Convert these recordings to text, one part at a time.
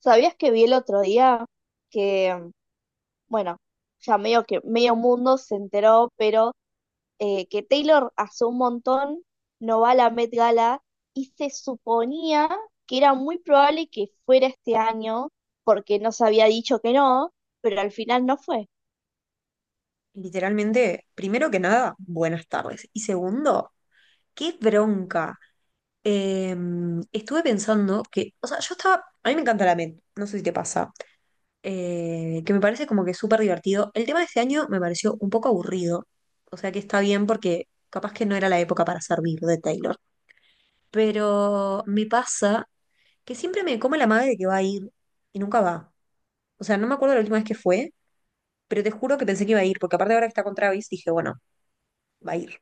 ¿Sabías que vi el otro día que, bueno, ya medio que medio mundo se enteró, pero que Taylor hace un montón no va a la Met Gala y se suponía que era muy probable que fuera este año porque no se había dicho que no, pero al final no fue. Literalmente, primero que nada, buenas tardes. Y segundo, qué bronca. Eh, estuve pensando que, o sea, yo estaba, a mí me encanta la med, no sé si te pasa. Que me parece como que súper divertido. El tema de este año me pareció un poco aburrido, o sea que está bien porque capaz que no era la época para servir de Taylor, pero me pasa que siempre me come la madre de que va a ir y nunca va. O sea, no me acuerdo la última vez que fue, pero te juro que pensé que iba a ir, porque aparte ahora que está con Travis dije, bueno, va a ir,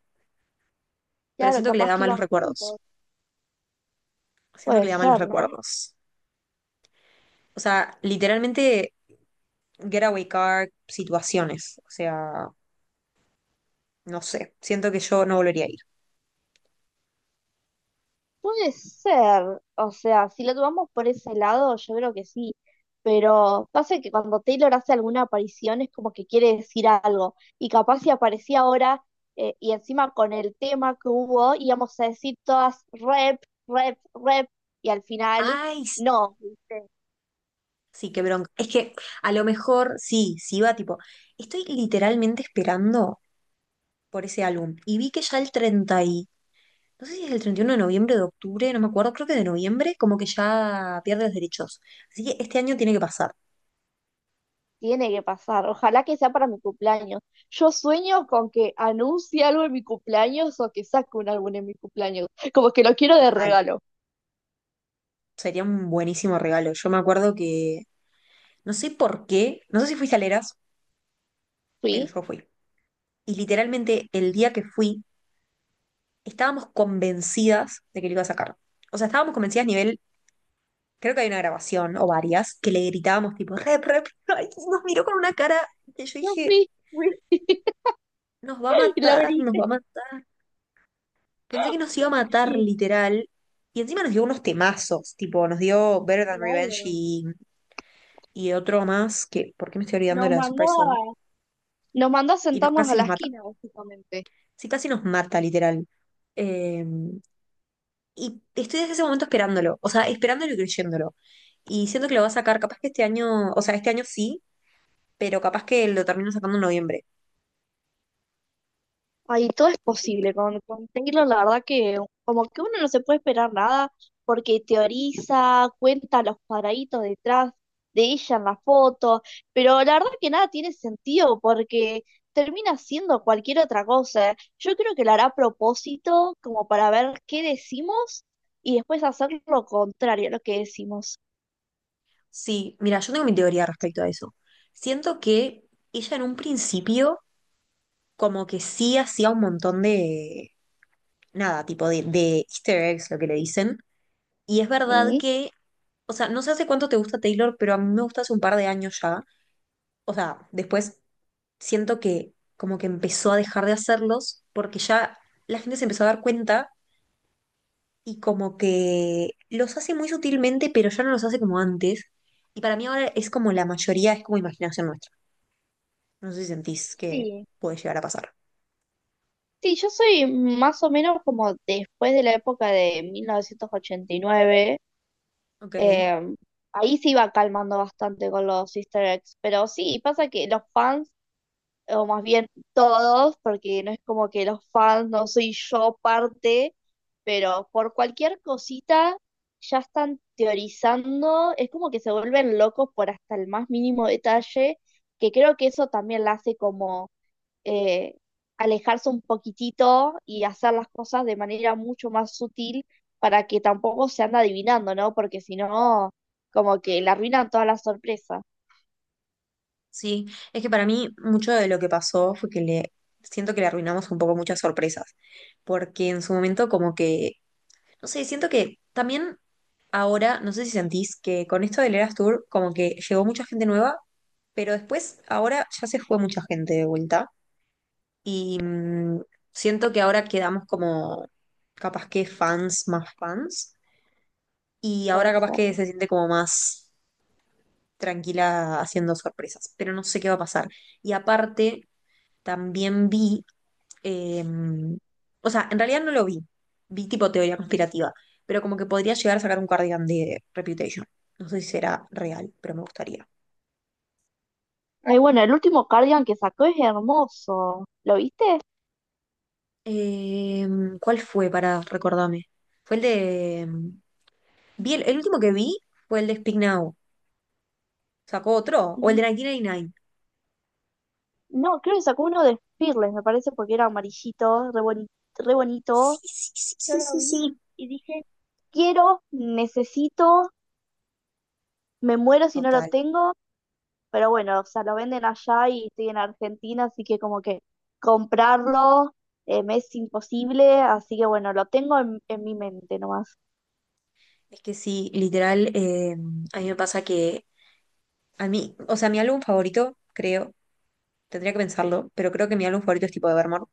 pero Claro, siento que le capaz da que malos iban juntos. recuerdos, siento que Puede le da malos ser, ¿no? recuerdos. O sea, literalmente getaway car situaciones, o sea, no sé, siento que yo no volvería a ir. Puede ser, o sea, si lo tomamos por ese lado, yo creo que sí, pero pasa que cuando Taylor hace alguna aparición es como que quiere decir algo, y capaz si aparecía ahora y encima con el tema que hubo, íbamos a decir todas rep, y al final Ay, no, ¿viste? sí, qué bronca. Es que a lo mejor, sí, sí va tipo, estoy literalmente esperando por ese álbum y vi que ya el 30 y, no sé si es el 31 de noviembre, de octubre, no me acuerdo, creo que de noviembre, como que ya pierde los derechos. Así que este año tiene que pasar, Tiene que pasar, ojalá que sea para mi cumpleaños. Yo sueño con que anuncie algo en mi cumpleaños o que saque un álbum en mi cumpleaños, como que lo quiero de total. regalo. Sería un buenísimo regalo. Yo me acuerdo que, no sé por qué, no sé si fuiste a Leras, pero Fui, yo fui. Y literalmente el día que fui, estábamos convencidas de que lo iba a sacar. O sea, estábamos convencidas a nivel creo que hay una grabación o varias, que le gritábamos tipo, rep, rep, ay, nos miró con una cara que yo dije, fui. nos va a Y la matar, nos va a abriste, matar. Pensé que nos iba a matar y literal. Y encima nos dio unos temazos, tipo, nos dio Better Than Revenge claro, y otro más, que, ¿por qué me estoy olvidando de nos la de mandó Surprise Song? a, nos mandó a Y no, sentarnos a casi nos la mata. esquina, básicamente. Sí, casi nos mata, literal. Eh, y estoy desde ese momento esperándolo, o sea, esperándolo y creyéndolo. Y siento que lo va a sacar, capaz que este año, o sea, este año sí, pero capaz que lo termino sacando en noviembre. Ahí todo es No sé qué. posible. Con Taylor, la verdad que como que uno no se puede esperar nada, porque teoriza, cuenta los cuadraditos detrás de ella en la foto, pero la verdad que nada tiene sentido, porque termina siendo cualquier otra cosa. Yo creo que lo hará a propósito, como para ver qué decimos, y después hacer lo contrario a lo que decimos. Sí, mira, yo tengo mi teoría respecto a eso. Siento que ella en un principio como que sí hacía un montón de, nada, tipo de easter eggs, lo que le dicen. Y es verdad Sí. que, o sea, no sé hace cuánto te gusta Taylor, pero a mí me gusta hace un par de años ya. O sea, después siento que como que empezó a dejar de hacerlos porque ya la gente se empezó a dar cuenta y como que los hace muy sutilmente, pero ya no los hace como antes. Y para mí ahora es como la mayoría es como imaginación nuestra. No sé si sentís que ¿Sí? puede llegar a pasar. Sí, yo soy más o menos como después de la época de 1989. Ok, eh, Ahí se iba calmando bastante con los Easter eggs. Pero sí, pasa que los fans, o más bien todos, porque no es como que los fans no soy yo parte, pero por cualquier cosita ya están teorizando. Es como que se vuelven locos por hasta el más mínimo detalle, que creo que eso también la hace como eh, alejarse un poquitito y hacer las cosas de manera mucho más sutil para que tampoco se anda adivinando, ¿no? Porque si no, como que le arruinan todas las sorpresas. sí. Es que para mí mucho de lo que pasó fue que le siento que le arruinamos un poco muchas sorpresas, porque en su momento como que, no sé, siento que también ahora, no sé si sentís que con esto del Eras Tour como que llegó mucha gente nueva, pero después ahora ya se fue mucha gente de vuelta y siento que ahora quedamos como capaz que fans más fans y Puede ahora capaz ser. que se siente como más tranquila haciendo sorpresas, pero no sé qué va a pasar. Y aparte, también vi, eh, o sea, en realidad no lo vi, vi tipo teoría conspirativa, pero como que podría llegar a sacar un cardigan de Reputation. No sé si será real, pero me gustaría. Ay, bueno, el último cardigan que sacó es hermoso. ¿Lo viste? Eh, ¿Cuál fue para recordarme? Fue el de... vi el último que vi fue el de Speak Now. ¿Sacó otro? ¿O el de N- 1999? No, creo que sacó uno de Fearless, me parece, porque era amarillito, re Sí, bonito. sí, sí, Yo sí, lo sí, vi sí. y dije, quiero, necesito, me muero si no lo Total. tengo. Pero bueno, o sea, lo venden allá y estoy en Argentina, así que como que comprarlo me es imposible, así que bueno, lo tengo en mi mente nomás. Es que sí, literal, a mí me pasa que a mí, o sea, mi álbum favorito, creo, tendría que pensarlo, pero creo que mi álbum favorito es tipo de Evermore.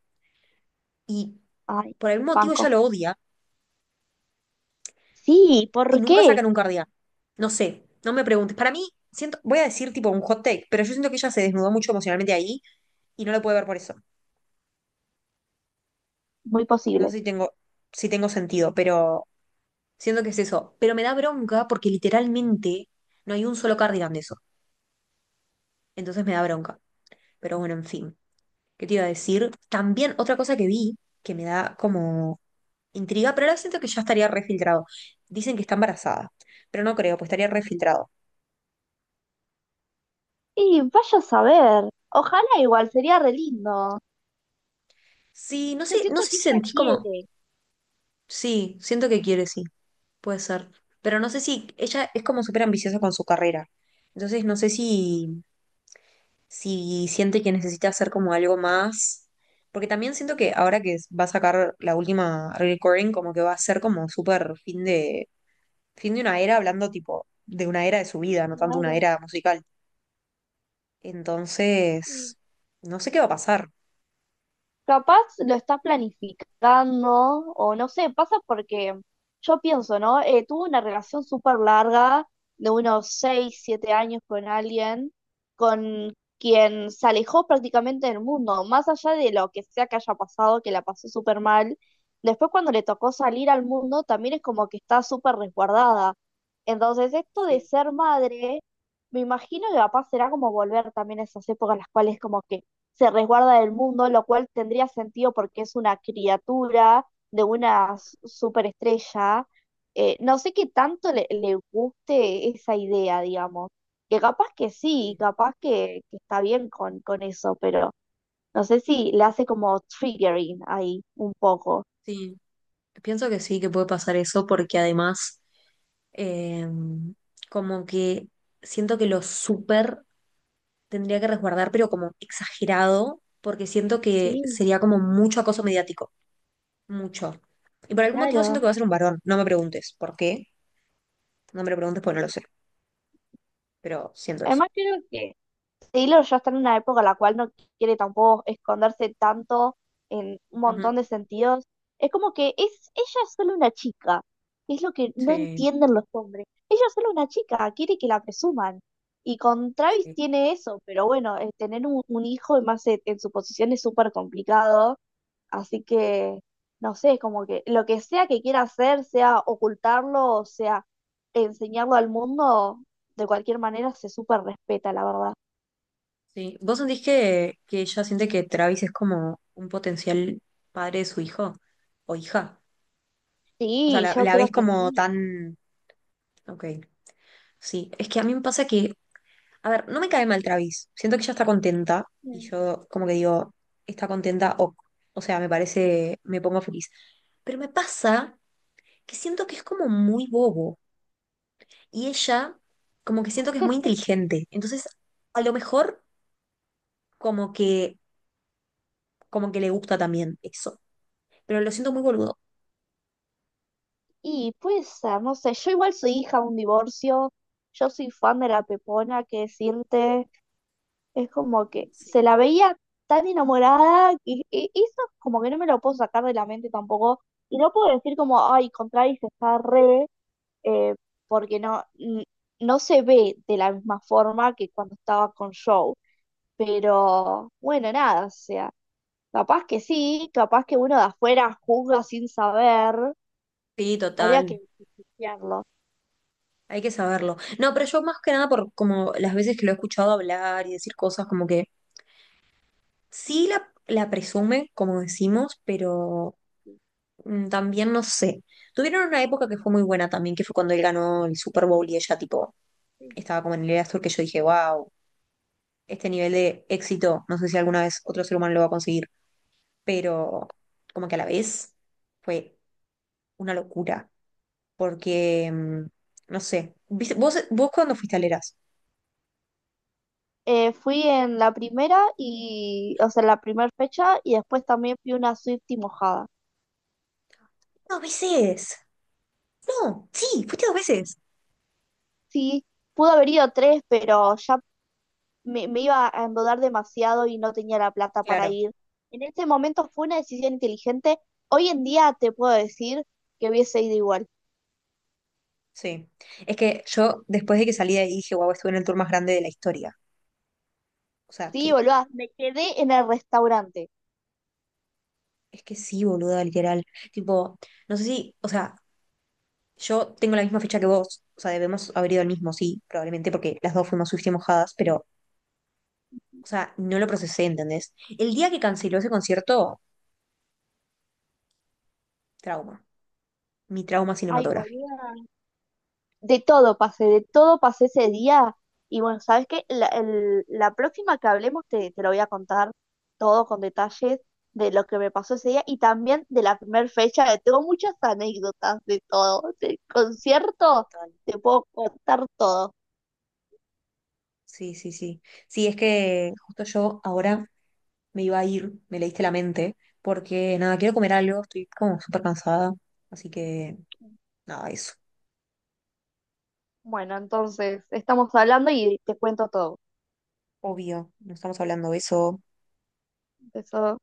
Y Ay, por algún motivo ella banco. lo odia Sí, y ¿por nunca qué? sacan un cardigan. No sé, no me preguntes. Para mí, siento, voy a decir tipo un hot take, pero yo siento que ella se desnudó mucho emocionalmente ahí y no lo puede ver por eso. Muy No posible. sé si tengo, si tengo sentido, pero siento que es eso. Pero me da bronca porque literalmente no hay un solo cardigan de eso. Entonces me da bronca. Pero bueno, en fin. ¿Qué te iba a decir? También otra cosa que vi que me da como intriga, pero ahora siento que ya estaría refiltrado. Dicen que está embarazada, pero no creo, pues estaría refiltrado. Y vaya a saber. Ojalá igual, sería re lindo. Sí, no Yo sé, no siento sé que si ella sentís como. quiere. Sí, siento que quiere, sí, puede ser. Pero no sé si ella es como súper ambiciosa con su carrera. Entonces no sé si, si siente que necesita hacer como algo más. Porque también siento que ahora que va a sacar la última recording, como que va a ser como súper fin de una era, hablando tipo de una era de su vida, no tanto una Claro. era musical. Sí. Entonces, no sé qué va a pasar. Capaz lo está planificando o no sé, pasa porque yo pienso, ¿no? Tuve una relación súper larga de unos 6 7 años con alguien con quien se alejó prácticamente del mundo, más allá de lo que sea que haya pasado, que la pasó súper mal. Después cuando le tocó salir al mundo también es como que está súper resguardada. Entonces esto de Sí, ser madre, me imagino que capaz será como volver también a esas épocas en las cuales como que se resguarda del mundo, lo cual tendría sentido porque es una criatura de una superestrella. No sé qué tanto le guste esa idea, digamos. Que capaz que sí, sí, capaz que está bien con eso, pero no sé si le hace como triggering ahí un poco. sí. Pienso que sí, que puede pasar eso, porque además, eh, como que siento que lo súper tendría que resguardar, pero como exagerado, porque siento que Sí, sería como mucho acoso mediático, mucho. Y por algún motivo siento claro. que va a ser un varón, no me preguntes por qué, no me lo preguntes porque no lo sé, pero siento eso. Además, creo que Taylor ya está en una época en la cual no quiere tampoco esconderse tanto en un Ujú, montón de sentidos. Es como que es, ella es solo una chica. Es lo que no sí, entienden los hombres. Ella es solo una chica, quiere que la presuman. Y con Travis sí. tiene eso, pero bueno, tener un hijo y más en su posición es súper complicado. Así que, no sé, es como que lo que sea que quiera hacer, sea ocultarlo o sea enseñarlo al mundo, de cualquier manera se súper respeta, la verdad. Sí. ¿Vos sentís que ella siente que Travis es como un potencial padre de su hijo o hija? O sea, Sí, la, yo la creo ves que como sí. tan... Ok, sí. Es que a mí me pasa que... A ver, no me cae mal Travis. Siento que ella está contenta y Mm. yo como que digo, está contenta o... O sea, me parece, me pongo feliz. Pero me pasa que siento que es como muy bobo y ella como que siento que es muy inteligente. Entonces, a lo mejor como que, como que le gusta también eso. Pero lo siento muy boludo. Y pues, ser, no sé, yo igual soy hija de un divorcio, yo soy fan de la Pepona, que decirte. Es como que Sí. se la veía tan enamorada y, y eso como que no me lo puedo sacar de la mente tampoco. Y no puedo decir como, ay, con Travis está re, eh, porque no, no se ve de la misma forma que cuando estaba con Joe. Pero bueno, nada, o sea, capaz que sí, capaz que uno de afuera juzga sin saber, Sí, habría total. que investigarlo. Hay que saberlo. No, pero yo más que nada por como las veces que lo he escuchado hablar y decir cosas como que sí la presume, como decimos, pero también no sé. Tuvieron una época que fue muy buena también, que fue cuando él ganó el Super Bowl y ella tipo estaba como en el Astor que yo dije, wow, este nivel de éxito, no sé si alguna vez otro ser humano lo va a conseguir, pero como que a la vez fue una locura. Porque, no sé, ¿viste- ¿vos, cuándo fuiste a Leras? Fui en la primera y, o sea, en la primera fecha y después también fui una Swiftie mojada. Dos veces. No, sí, fuiste dos veces. Sí, pudo haber ido tres, pero ya me iba a endeudar demasiado y no tenía la plata para Claro, ir. En ese momento fue una decisión inteligente. Hoy en día te puedo decir que hubiese ido igual. sí. Es que yo después de que salí de ahí dije, wow, estuve en el tour más grande de la historia. O sea, Sí, que boluda, me quedé en el restaurante. es que sí, boluda, literal. Tipo, no sé si, o sea, yo tengo la misma fecha que vos. O sea, debemos haber ido al mismo, sí, probablemente porque las dos fuimos swift y mojadas, pero, o sea, no lo procesé, ¿entendés? El día que canceló ese concierto, trauma. Mi trauma Ay, cinematográfico. boluda, de todo pasé ese día. Y bueno, ¿sabes qué? La próxima que hablemos te lo voy a contar todo con detalles de lo que me pasó ese día y también de la primera fecha. Que Tengo muchas anécdotas de todo, del concierto, te puedo contar todo. Sí, sí, sí. Sí, es que justo yo ahora me iba a ir, me leíste la mente, porque nada, quiero comer algo, estoy como súper cansada, así que nada, eso. Bueno, entonces estamos hablando y te cuento todo. Obvio, no estamos hablando de eso Eso.